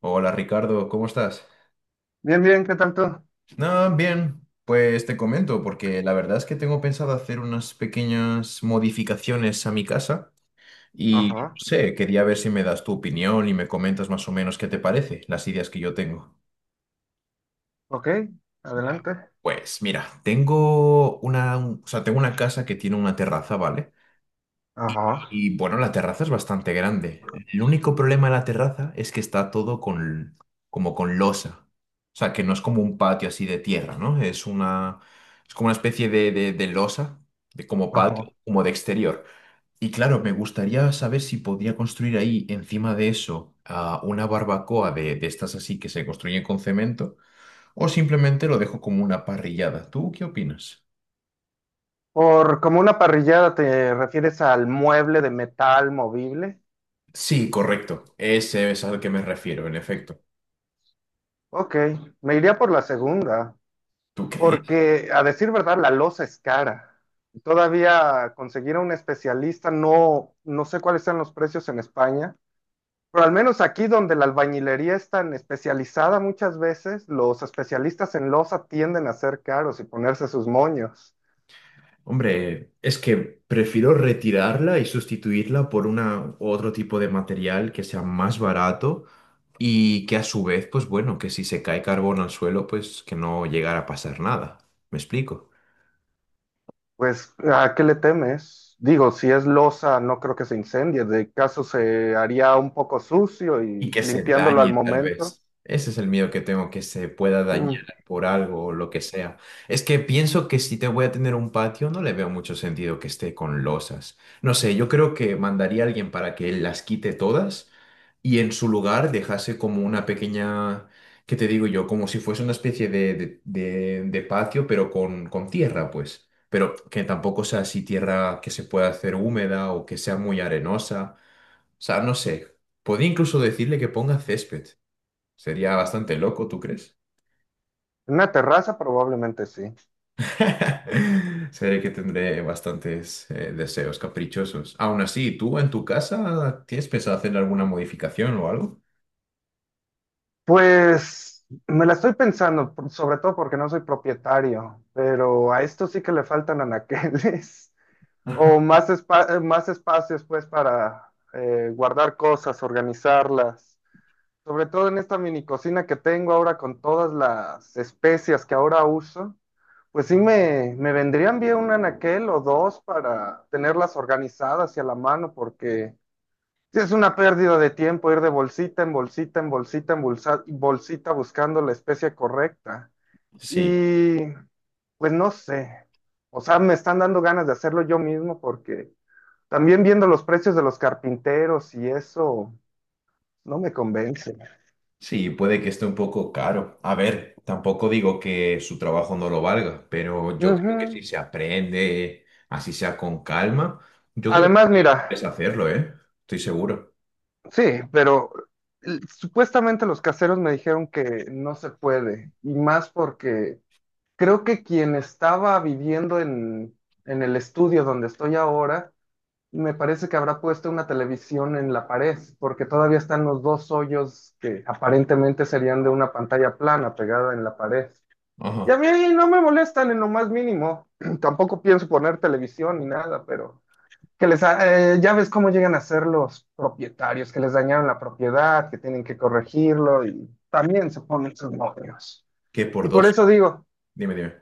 Hola Ricardo, ¿cómo estás? Bien, bien, ¿qué tal tú? No, bien, pues te comento, porque la verdad es que tengo pensado hacer unas pequeñas modificaciones a mi casa y Ajá, no sé, quería ver si me das tu opinión y me comentas más o menos qué te parece, las ideas que yo tengo. ok, adelante. Pues mira, tengo una, o sea, tengo una casa que tiene una terraza, ¿vale? Ajá, Y bueno, la terraza es bastante grande. El único problema de la terraza es que está todo con, como con losa. O sea, que no es como un patio así de tierra, ¿no? Es una, es como una especie de losa, de como patio, ajá. como de exterior. Y claro, me gustaría saber si podría construir ahí, encima de eso, una barbacoa de estas así que se construyen con cemento, o simplemente lo dejo como una parrillada. ¿Tú qué opinas? Por como una parrillada te refieres al mueble de metal movible. Sí, correcto. Ese es al que me refiero, en efecto. Ok, me iría por la segunda, ¿Tú crees? porque a decir verdad, la loza es cara. Todavía conseguir a un especialista, no, no sé cuáles sean los precios en España, pero al menos aquí donde la albañilería es tan especializada muchas veces, los especialistas en loza tienden a ser caros y ponerse sus moños. Hombre, es que prefiero retirarla y sustituirla por una u otro tipo de material que sea más barato y que a su vez, pues bueno, que si se cae carbón al suelo, pues que no llegara a pasar nada. ¿Me explico? Pues, ¿a qué le temes? Digo, si es losa, no creo que se incendie. De caso se haría un poco sucio Y y que se limpiándolo al dañe tal momento. vez. Ese es el miedo que tengo, que se pueda dañar Mm. por algo o lo que sea. Es que pienso que si te voy a tener un patio, no le veo mucho sentido que esté con losas. No sé, yo creo que mandaría a alguien para que él las quite todas y en su lugar dejase como una pequeña, ¿qué te digo yo? Como si fuese una especie de patio, pero con tierra, pues. Pero que tampoco sea así tierra que se pueda hacer húmeda o que sea muy arenosa, o sea, no sé. Podría incluso decirle que ponga césped. Sería bastante loco, ¿tú crees? En una terraza probablemente sí. Sé que tendré bastantes deseos caprichosos. Aún así, ¿tú en tu casa tienes pensado hacer alguna modificación o algo? Pues me la estoy pensando, sobre todo porque no soy propietario, pero a esto sí que le faltan anaqueles o más, más espacios pues para guardar cosas, organizarlas. Sobre todo en esta mini cocina que tengo ahora con todas las especias que ahora uso, pues sí me vendrían bien un anaquel o dos para tenerlas organizadas y a la mano, porque sí es una pérdida de tiempo ir de bolsita en bolsita en bolsita en bolsita buscando la especia correcta. Sí, Y pues no sé, o sea, me están dando ganas de hacerlo yo mismo porque también viendo los precios de los carpinteros y eso no me convence. sí, puede que esté un poco caro. A ver, tampoco digo que su trabajo no lo valga, pero yo creo que si Ujú. se aprende, así sea con calma, yo creo Además, que puedes mira, hacerlo, ¿eh? Estoy seguro. sí, pero supuestamente los caseros me dijeron que no se puede, y más porque creo que quien estaba viviendo en el estudio donde estoy ahora, me parece que habrá puesto una televisión en la pared, porque todavía están los dos hoyos que aparentemente serían de una pantalla plana pegada en la pared. Y a Ajá. mí no me molestan en lo más mínimo, tampoco pienso poner televisión ni nada, pero... que ya ves cómo llegan a ser los propietarios, que les dañaron la propiedad, que tienen que corregirlo y también se ponen sus novios. Que por Y por dos. eso digo Dime, dime.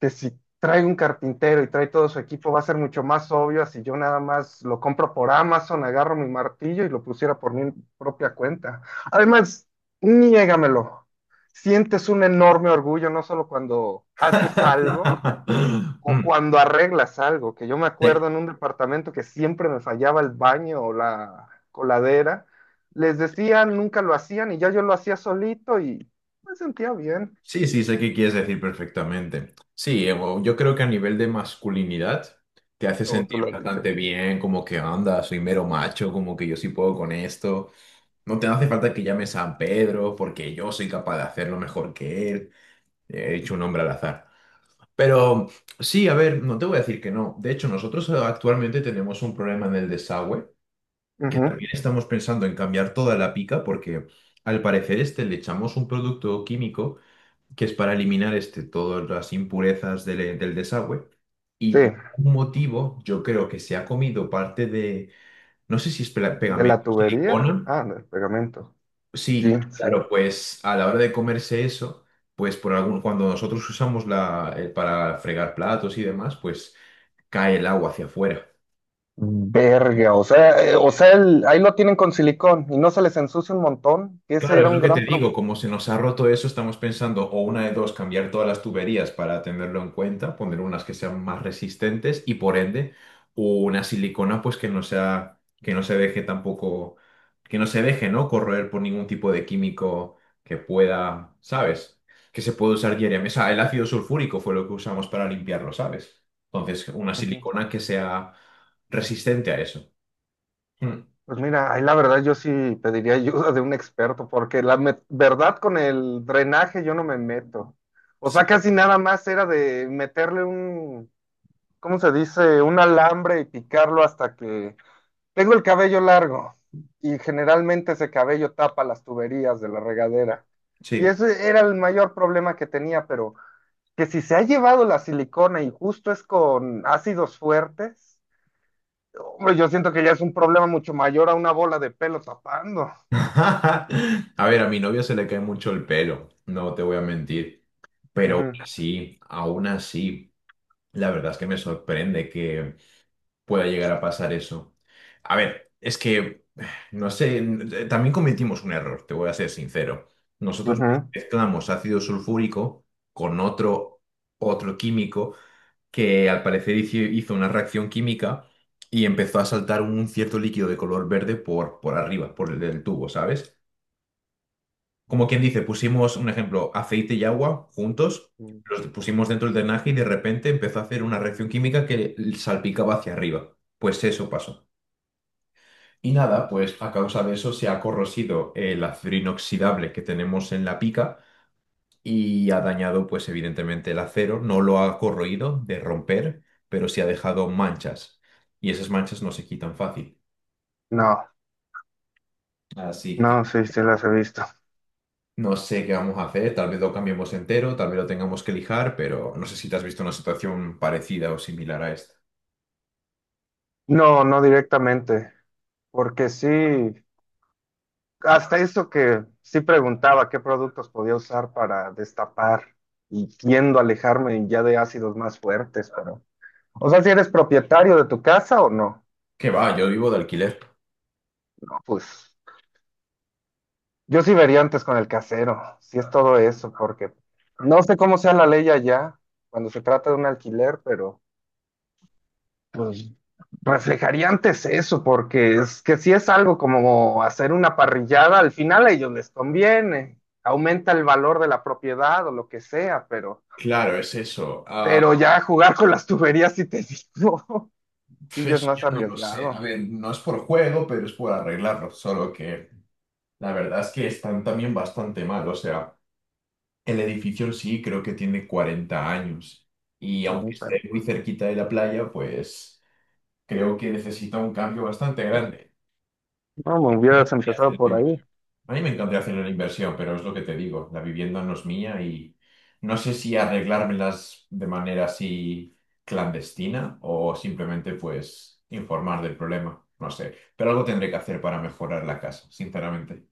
que si trae un carpintero y trae todo su equipo, va a ser mucho más obvio a si yo nada más lo compro por Amazon, agarro mi martillo y lo pusiera por mi propia cuenta. Además, niégamelo, sientes un enorme orgullo, no solo cuando haces algo, o Mm. cuando arreglas algo, que yo me Sí, acuerdo en un departamento que siempre me fallaba el baño o la coladera, les decían, nunca lo hacían y ya yo lo hacía solito y me sentía bien, sí, sí, sé qué quieres decir perfectamente. Sí, bueno, yo creo que a nivel de masculinidad te hace como tú sentir lo has dicho. bastante bien, como que anda, soy mero macho, como que yo sí puedo con esto. No te hace falta que llames San Pedro, porque yo soy capaz de hacerlo mejor que él. He hecho un hombre al azar. Pero sí, a ver, no te voy a decir que no. De hecho, nosotros actualmente tenemos un problema en el desagüe, que Ujú. también estamos pensando en cambiar toda la pica porque al parecer este le echamos un producto químico que es para eliminar este, todas las impurezas del, del desagüe y Sí, por algún motivo yo creo que se ha comido parte de, no sé si es de pegamento, la tubería, silicona. ah, del pegamento. Sí, Sí, sí. claro, pues a la hora de comerse eso, pues por algún, cuando nosotros usamos la, para fregar platos y demás, pues cae el agua hacia afuera. Verga, o sea, ahí lo tienen con silicón y no se les ensucia un montón, que ese Claro, era es lo un que te gran problema. digo, como se nos ha roto eso, estamos pensando o una de dos, cambiar todas las tuberías para tenerlo en cuenta, poner unas que sean más resistentes y por ende una silicona pues que no sea, que no se deje tampoco, que no se deje, ¿no? Corroer por ningún tipo de químico que pueda, ¿sabes? Que se puede usar diariamente. O sea, el ácido sulfúrico fue lo que usamos para limpiarlo, ¿sabes? Entonces, una silicona que sea resistente a eso. Mm. Pues mira, ahí la verdad yo sí pediría ayuda de un experto, porque verdad con el drenaje yo no me meto. O sea, Sí, casi nada más era de meterle ¿cómo se dice? Un alambre y picarlo hasta que... Tengo el cabello largo y generalmente ese cabello tapa las tuberías de la regadera. Y sí. ese era el mayor problema que tenía, pero que si se ha llevado la silicona y justo es con ácidos fuertes, hombre, yo siento que ya es un problema mucho mayor a una bola de pelo tapando. A ver, a mi novio se le cae mucho el pelo, no te voy a mentir. Pero Ujú, aún así, la verdad es que me sorprende que pueda llegar a pasar eso. A ver, es que, no sé, también cometimos un error, te voy a ser sincero. Nosotros ujú. mezclamos ácido sulfúrico con otro, otro químico que al parecer hizo una reacción química y empezó a saltar un cierto líquido de color verde por arriba, por el del tubo, ¿sabes? Como quien dice, pusimos un ejemplo, aceite y agua juntos, Mm. los pusimos dentro del drenaje y de repente empezó a hacer una reacción química que salpicaba hacia arriba. Pues eso pasó. Y nada, pues a causa de eso se ha corrosido el acero inoxidable que tenemos en la pica y ha dañado, pues evidentemente, el acero. No lo ha corroído de romper, pero sí ha dejado manchas. Y esas manchas no se quitan fácil. No, Así que no, sí, sí las he visto. no sé qué vamos a hacer, tal vez lo cambiemos entero, tal vez lo tengamos que lijar, pero no sé si te has visto una situación parecida o similar a esta. No, no directamente, porque sí, hasta eso que sí preguntaba qué productos podía usar para destapar y tiendo a alejarme ya de ácidos más fuertes, pero... O sea, si eres propietario de tu casa o no, ¿Qué va? Yo vivo de alquiler. pues yo sí vería antes con el casero, si es todo eso, porque no sé cómo sea la ley allá cuando se trata de un alquiler, pero... pues reflejaría antes eso, porque es que si es algo como hacer una parrillada, al final a ellos les conviene, aumenta el valor de la propiedad o lo que sea, Claro, es eso. Ah, pero ya jugar con las tuberías, si te digo, pf, sí ya es eso más yo no lo sé. A arriesgado. ver, no es por juego, pero es por arreglarlo. Solo que la verdad es que están también bastante mal. O sea, el edificio en sí creo que tiene 40 años. Y aunque esté muy cerquita de la playa, pues creo que necesita un cambio bastante grande. No, me hubieras empezado por ahí. A mí me encantaría hacer una inversión, pero es lo que te digo, la vivienda no es mía y no sé si arreglármelas de manera así clandestina o simplemente pues informar del problema, no sé, pero algo tendré que hacer para mejorar la casa, sinceramente.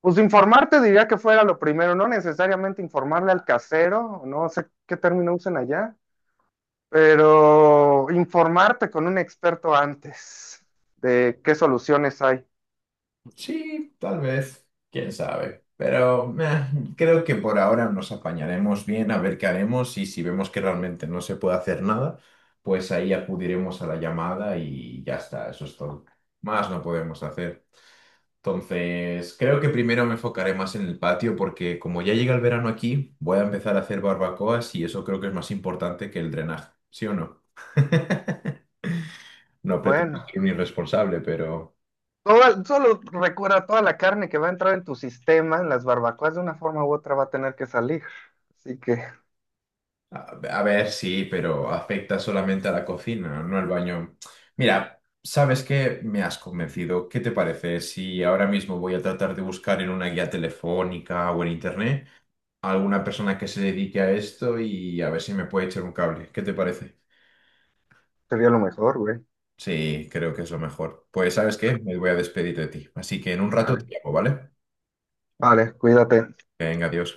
Pues informarte diría que fuera lo primero, no necesariamente informarle al casero, no sé qué término usen allá. Pero informarte con un experto antes de qué soluciones hay. Sí, tal vez, quién sabe, pero meh, creo que por ahora nos apañaremos bien a ver qué haremos y si vemos que realmente no se puede hacer nada, pues ahí acudiremos a la llamada y ya está, eso es todo. Más no podemos hacer. Entonces, creo que primero me enfocaré más en el patio porque como ya llega el verano aquí, voy a empezar a hacer barbacoas y eso creo que es más importante que el drenaje, ¿sí o no? No pretendo Bueno, ser un irresponsable, pero solo recuerda toda la carne que va a entrar en tu sistema, en las barbacoas, de una forma u otra va a tener que salir. Así que a, a ver, sí, pero afecta solamente a la cocina, no al baño. Mira, ¿sabes qué? Me has convencido. ¿Qué te parece si ahora mismo voy a tratar de buscar en una guía telefónica o en internet a alguna persona que se dedique a esto y a ver si me puede echar un cable? ¿Qué te parece? sería lo mejor, güey. Sí, creo que es lo mejor. Pues, ¿sabes qué? Me voy a despedir de ti. Así que en un rato te Vale, llamo, ¿vale? vale, cuídate. Venga, adiós.